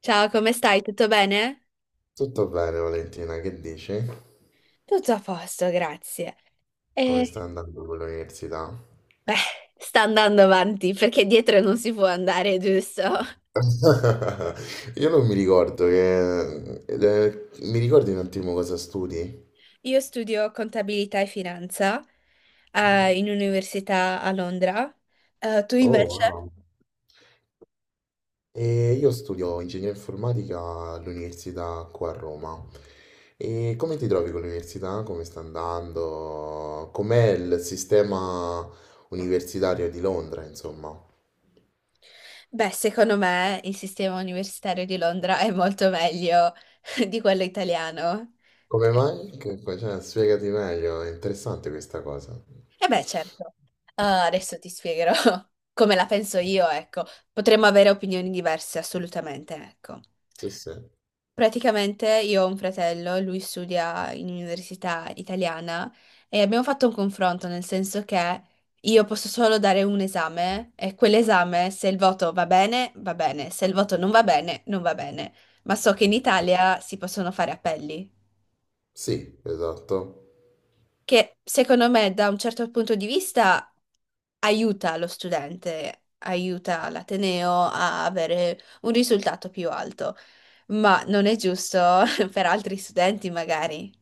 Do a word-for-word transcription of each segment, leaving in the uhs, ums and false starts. Ciao, come stai? Tutto bene? Tutto bene, Valentina, che dici? Tutto a posto, grazie. Come E sta andando con l'università? beh, Sta andando avanti perché dietro non si può andare, giusto? Io non mi ricordo che... eh, eh, mi ricordi un attimo cosa studi? Io studio contabilità e finanza, eh, in università a Londra. Eh, tu Oh, invece? wow. E io studio ingegneria informatica all'università qua a Roma. E come ti trovi con l'università? Come sta andando? Com'è il sistema universitario di Londra, insomma? Beh, secondo me il sistema universitario di Londra è molto meglio di quello italiano. Come mai? Che- cioè, spiegati meglio, è interessante questa cosa. E beh, certo. Eh, adesso ti spiegherò come la penso io, ecco. Potremmo avere opinioni diverse, assolutamente, ecco. Sì, sì. Praticamente io ho un fratello, lui studia in università italiana e abbiamo fatto un confronto nel senso che io posso solo dare un esame e quell'esame se il voto va bene, va bene, se il voto non va bene, non va bene. Ma so che in Italia si possono fare appelli, Sì, esatto. che secondo me da un certo punto di vista aiuta lo studente, aiuta l'ateneo a avere un risultato più alto, ma non è giusto per altri studenti magari.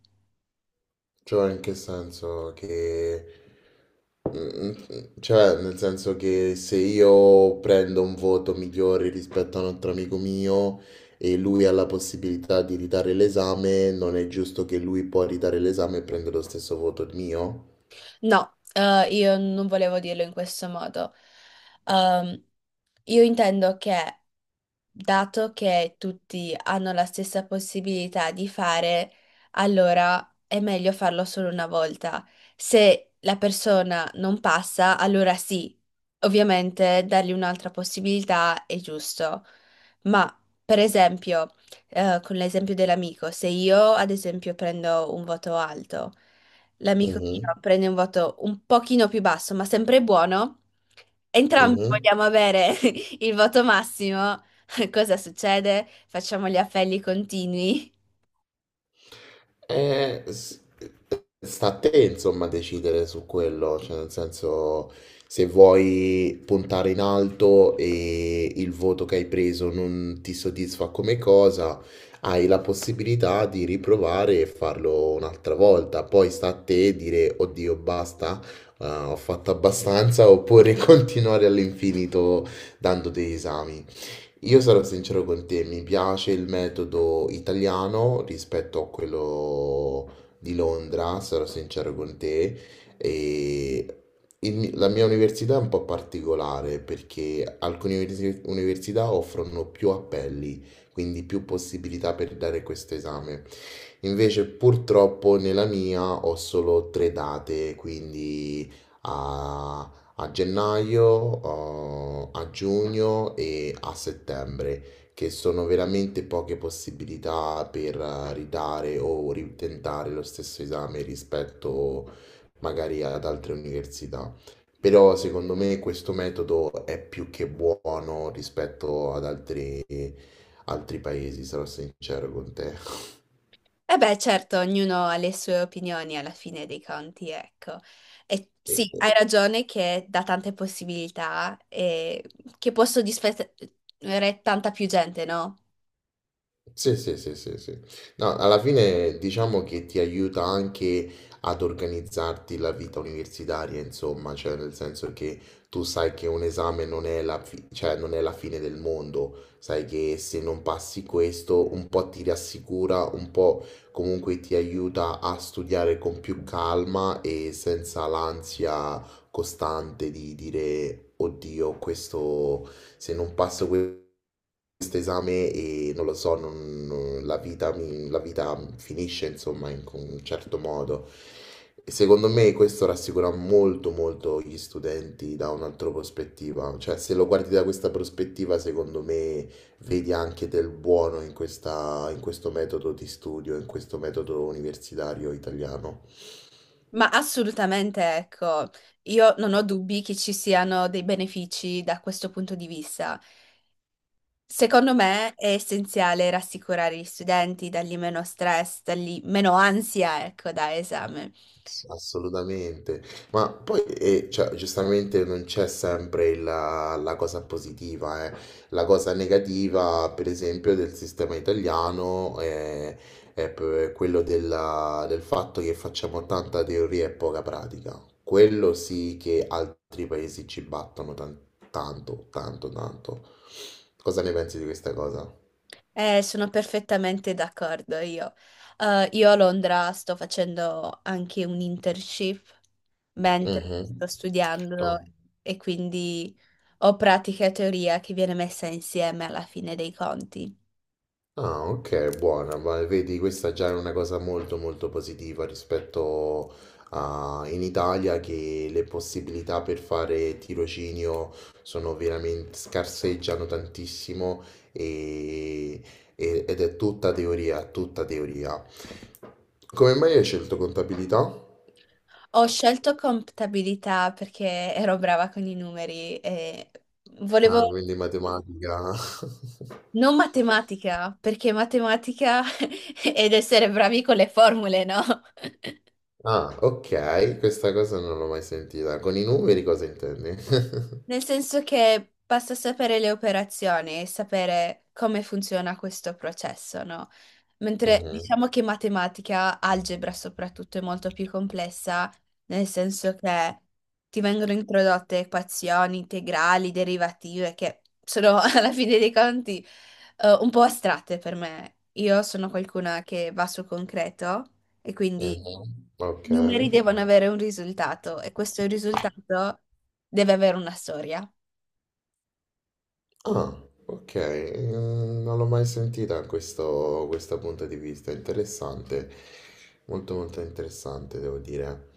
Cioè, in che senso che... Mm, cioè, nel senso che se io prendo un voto migliore rispetto a un altro amico mio e lui ha la possibilità di ritare l'esame, non è giusto che lui può ritare l'esame e prendere lo stesso voto mio? No, eh, io non volevo dirlo in questo modo. Ehm, io intendo che, dato che tutti hanno la stessa possibilità di fare, allora è meglio farlo solo una volta. Se la persona non passa, allora sì, ovviamente dargli un'altra possibilità è giusto. Ma, per esempio, eh, con l'esempio dell'amico, se io, ad esempio, prendo un voto alto, l'amico mio Mhm, prende un voto un pochino più basso, ma sempre buono. Entrambi mhm. vogliamo avere il voto massimo. Cosa succede? Facciamo gli appelli continui. Eh, s- Sta a te, insomma, decidere su quello, cioè nel senso se vuoi puntare in alto e il voto che hai preso non ti soddisfa come cosa, hai la possibilità di riprovare e farlo un'altra volta. Poi sta a te dire: oddio, basta, eh, ho fatto abbastanza, oppure continuare all'infinito dando degli esami. Io sarò sincero con te, mi piace il metodo italiano rispetto a quello di Londra, sarò sincero con te. E il mi- la mia università è un po' particolare perché alcune universi- università offrono più appelli, quindi più possibilità per dare questo esame. Invece purtroppo nella mia ho solo tre date, quindi... a a gennaio, oh, a giugno e a settembre, che sono veramente poche possibilità per eh, ridare o ritentare lo stesso esame rispetto magari ad altre università. Però secondo me questo metodo è più che buono rispetto ad altri, altri paesi, sarò sincero con te. E beh, certo, ognuno ha le sue opinioni alla fine dei conti, ecco. E E- sì, hai ragione che dà tante possibilità e che può soddisfare tanta più gente, no? Sì, sì, sì, sì, sì. No, alla fine diciamo che ti aiuta anche ad organizzarti la vita universitaria, insomma, cioè nel senso che tu sai che un esame non è la, fi- cioè, non è la fine del mondo, sai che se non passi questo un po' ti rassicura, un po' comunque ti aiuta a studiare con più calma e senza l'ansia costante di dire: oddio, questo se non passo questo questo esame e non lo so, non- non- la vita, mi- la vita finisce insomma in con un certo modo. E secondo me questo rassicura molto molto gli studenti da un'altra prospettiva, cioè se lo guardi da questa prospettiva secondo me vedi anche del buono in questa- in questo metodo di studio, in questo metodo universitario italiano. Ma assolutamente, ecco, io non ho dubbi che ci siano dei benefici da questo punto di vista. Secondo me è essenziale rassicurare gli studenti, dargli meno stress, dargli meno ansia, ecco, da esame. Ass- Assolutamente, ma poi eh, cioè, giustamente non c'è sempre la, la cosa positiva, eh. La cosa negativa, per esempio, del sistema italiano è, è p- quello della- del fatto che facciamo tanta teoria e poca pratica. Quello sì che altri paesi ci battono tan- tanto, tanto, tanto. Cosa ne pensi di questa cosa? Eh, sono perfettamente d'accordo io. Eh, io a Londra sto facendo anche un internship mentre sto Mhm. studiando e quindi ho pratica e teoria che viene messa insieme alla fine dei conti. Ah, ok, buona, ma vedi, questa già è una cosa molto molto positiva rispetto a in Italia che le possibilità per fare tirocinio sono veramente scarseggiano tantissimo e- e- ed è tutta teoria, tutta teoria. Come mai hai scelto contabilità? Ho scelto contabilità perché ero brava con i numeri e Ah, volevo. quindi matematica. Non matematica, perché matematica ed essere bravi con le formule, no? Ah, ok, questa cosa non l'ho mai sentita. Con i numeri cosa intendi? Nel senso che basta sapere le operazioni e sapere come funziona questo processo, no? Mentre Mhm. diciamo che matematica, algebra soprattutto, è molto più complessa, nel senso che ti vengono introdotte equazioni, integrali, derivative, che sono alla fine dei conti eh, un po' astratte per me. Io sono qualcuna che va sul concreto. E quindi Mhm, ok. i numeri devono avere un risultato e questo risultato deve avere una storia. Ah, ok. eh, Non l'ho mai sentita questo, questo punto di vista. Interessante. Molto molto interessante, devo dire.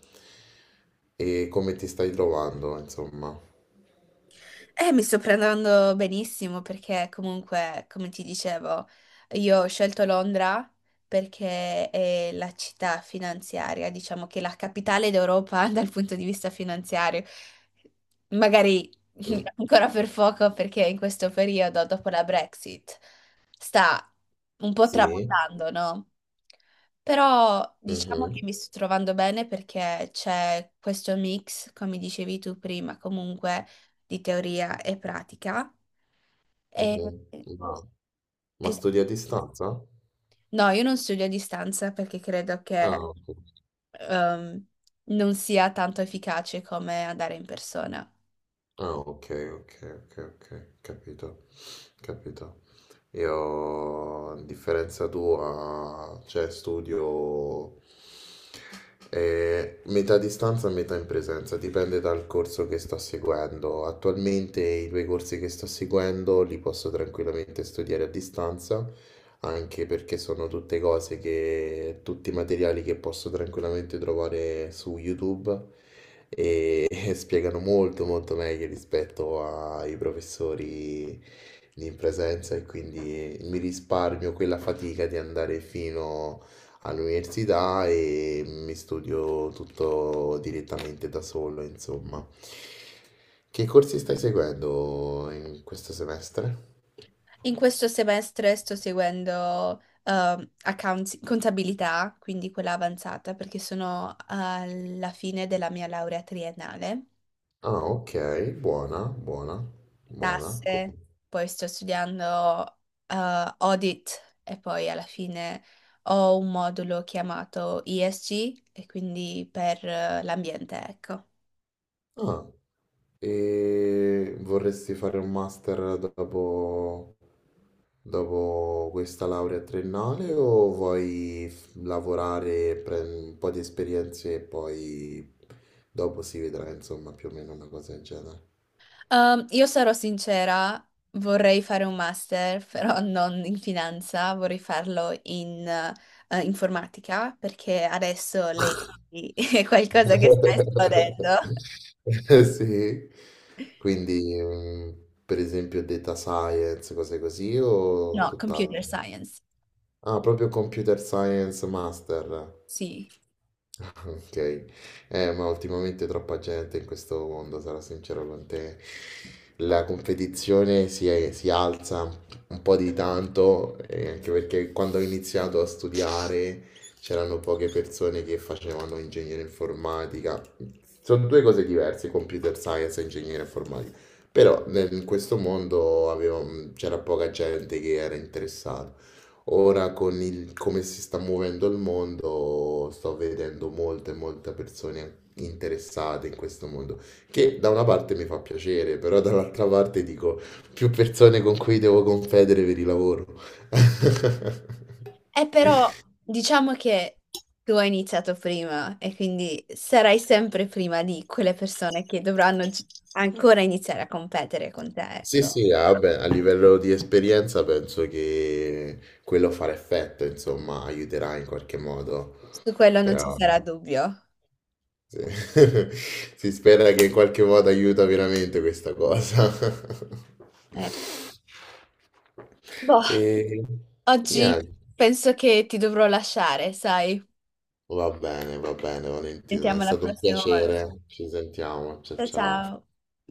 E come ti stai trovando, insomma? Eh, mi sto prendendo benissimo perché comunque, come ti dicevo, io ho scelto Londra perché è la città finanziaria, diciamo che è la capitale d'Europa dal punto di vista finanziario. Magari Mm, ancora per poco perché in questo periodo, dopo la Brexit, sta un po' sì. tramontando, no? Però diciamo Mhm, che mi sto trovando bene perché c'è questo mix, come dicevi tu prima, comunque di teoria e pratica. E- mhm. Ma, ma e- studi a distanza? no, io non studio a distanza perché credo che Ah, ok. ehm, non sia tanto efficace come andare in persona. Ah, ok, ok, ok, ok. Capito. Capito. Io, a differenza tua, cioè studio eh, metà a distanza e metà in presenza, dipende dal corso che sto seguendo. Attualmente i due corsi che sto seguendo li posso tranquillamente studiare a distanza anche perché sono tutte cose che, tutti materiali che posso tranquillamente trovare su YouTube e, e spiegano molto molto meglio rispetto ai professori lì in presenza e quindi mi risparmio quella fatica di andare fino all'università e mi studio tutto direttamente da solo, insomma. Che corsi stai seguendo in questo semestre? In questo semestre sto seguendo ehm, accounts- contabilità, quindi quella avanzata, perché sono alla fine della mia laurea triennale. Ah, ok, buona, buona, buona. Com- tasse, poi sto studiando eh, audit e poi alla fine ho un modulo chiamato E S G e quindi per eh, l'ambiente, ecco. Ah, e vorresti fare un master dopo, dopo questa laurea triennale o vuoi f- lavorare, prendere un po' di esperienze e poi dopo si vedrà, insomma, più o meno una cosa del genere? Um, io sarò sincera, vorrei fare un master, però non in finanza, vorrei farlo in eh, informatica perché adesso lei è qualcosa che sta esplodendo. Sì, quindi mm, per esempio data science, cose così o No, computer tutt'altro? science, Ah, proprio Computer Science Master. sì. Ok, eh, ma ultimamente troppa gente in questo mondo, sarò sincero con te. La competizione si, è- si alza un po' di tanto, eh, anche perché quando ho iniziato a studiare c'erano poche persone che facevano ingegnere informatica. Sono due cose diverse, computer science e ingegnere informatica. Però nel- in questo mondo avevo- mm, c'era poca gente che era interessata. Ora con il- come si sta muovendo il mondo, sto vedendo molte, molte persone interessate in questo mondo, che da una parte mi fa piacere, però dall'altra parte dico più persone con cui devo confedere per il lavoro. Eh, però diciamo che tu hai iniziato prima e quindi sarai sempre prima di quelle persone che dovranno gi- ancora iniziare a competere con te, Sì, ecco. sì, ah, vabbè, a livello di esperienza penso che quello farà effetto, insomma, aiuterà in qualche modo, Su quello non ci però... sarà dubbio. Sì. Si spera che in qualche modo aiuta veramente questa cosa. Eh, boh, E oggi niente, penso che ti dovrò lasciare, sai? va bene, va bene, Valentina, è Sentiamo la stato un prossima volta. piacere. Ci sentiamo, ciao Ciao ciao. ciao.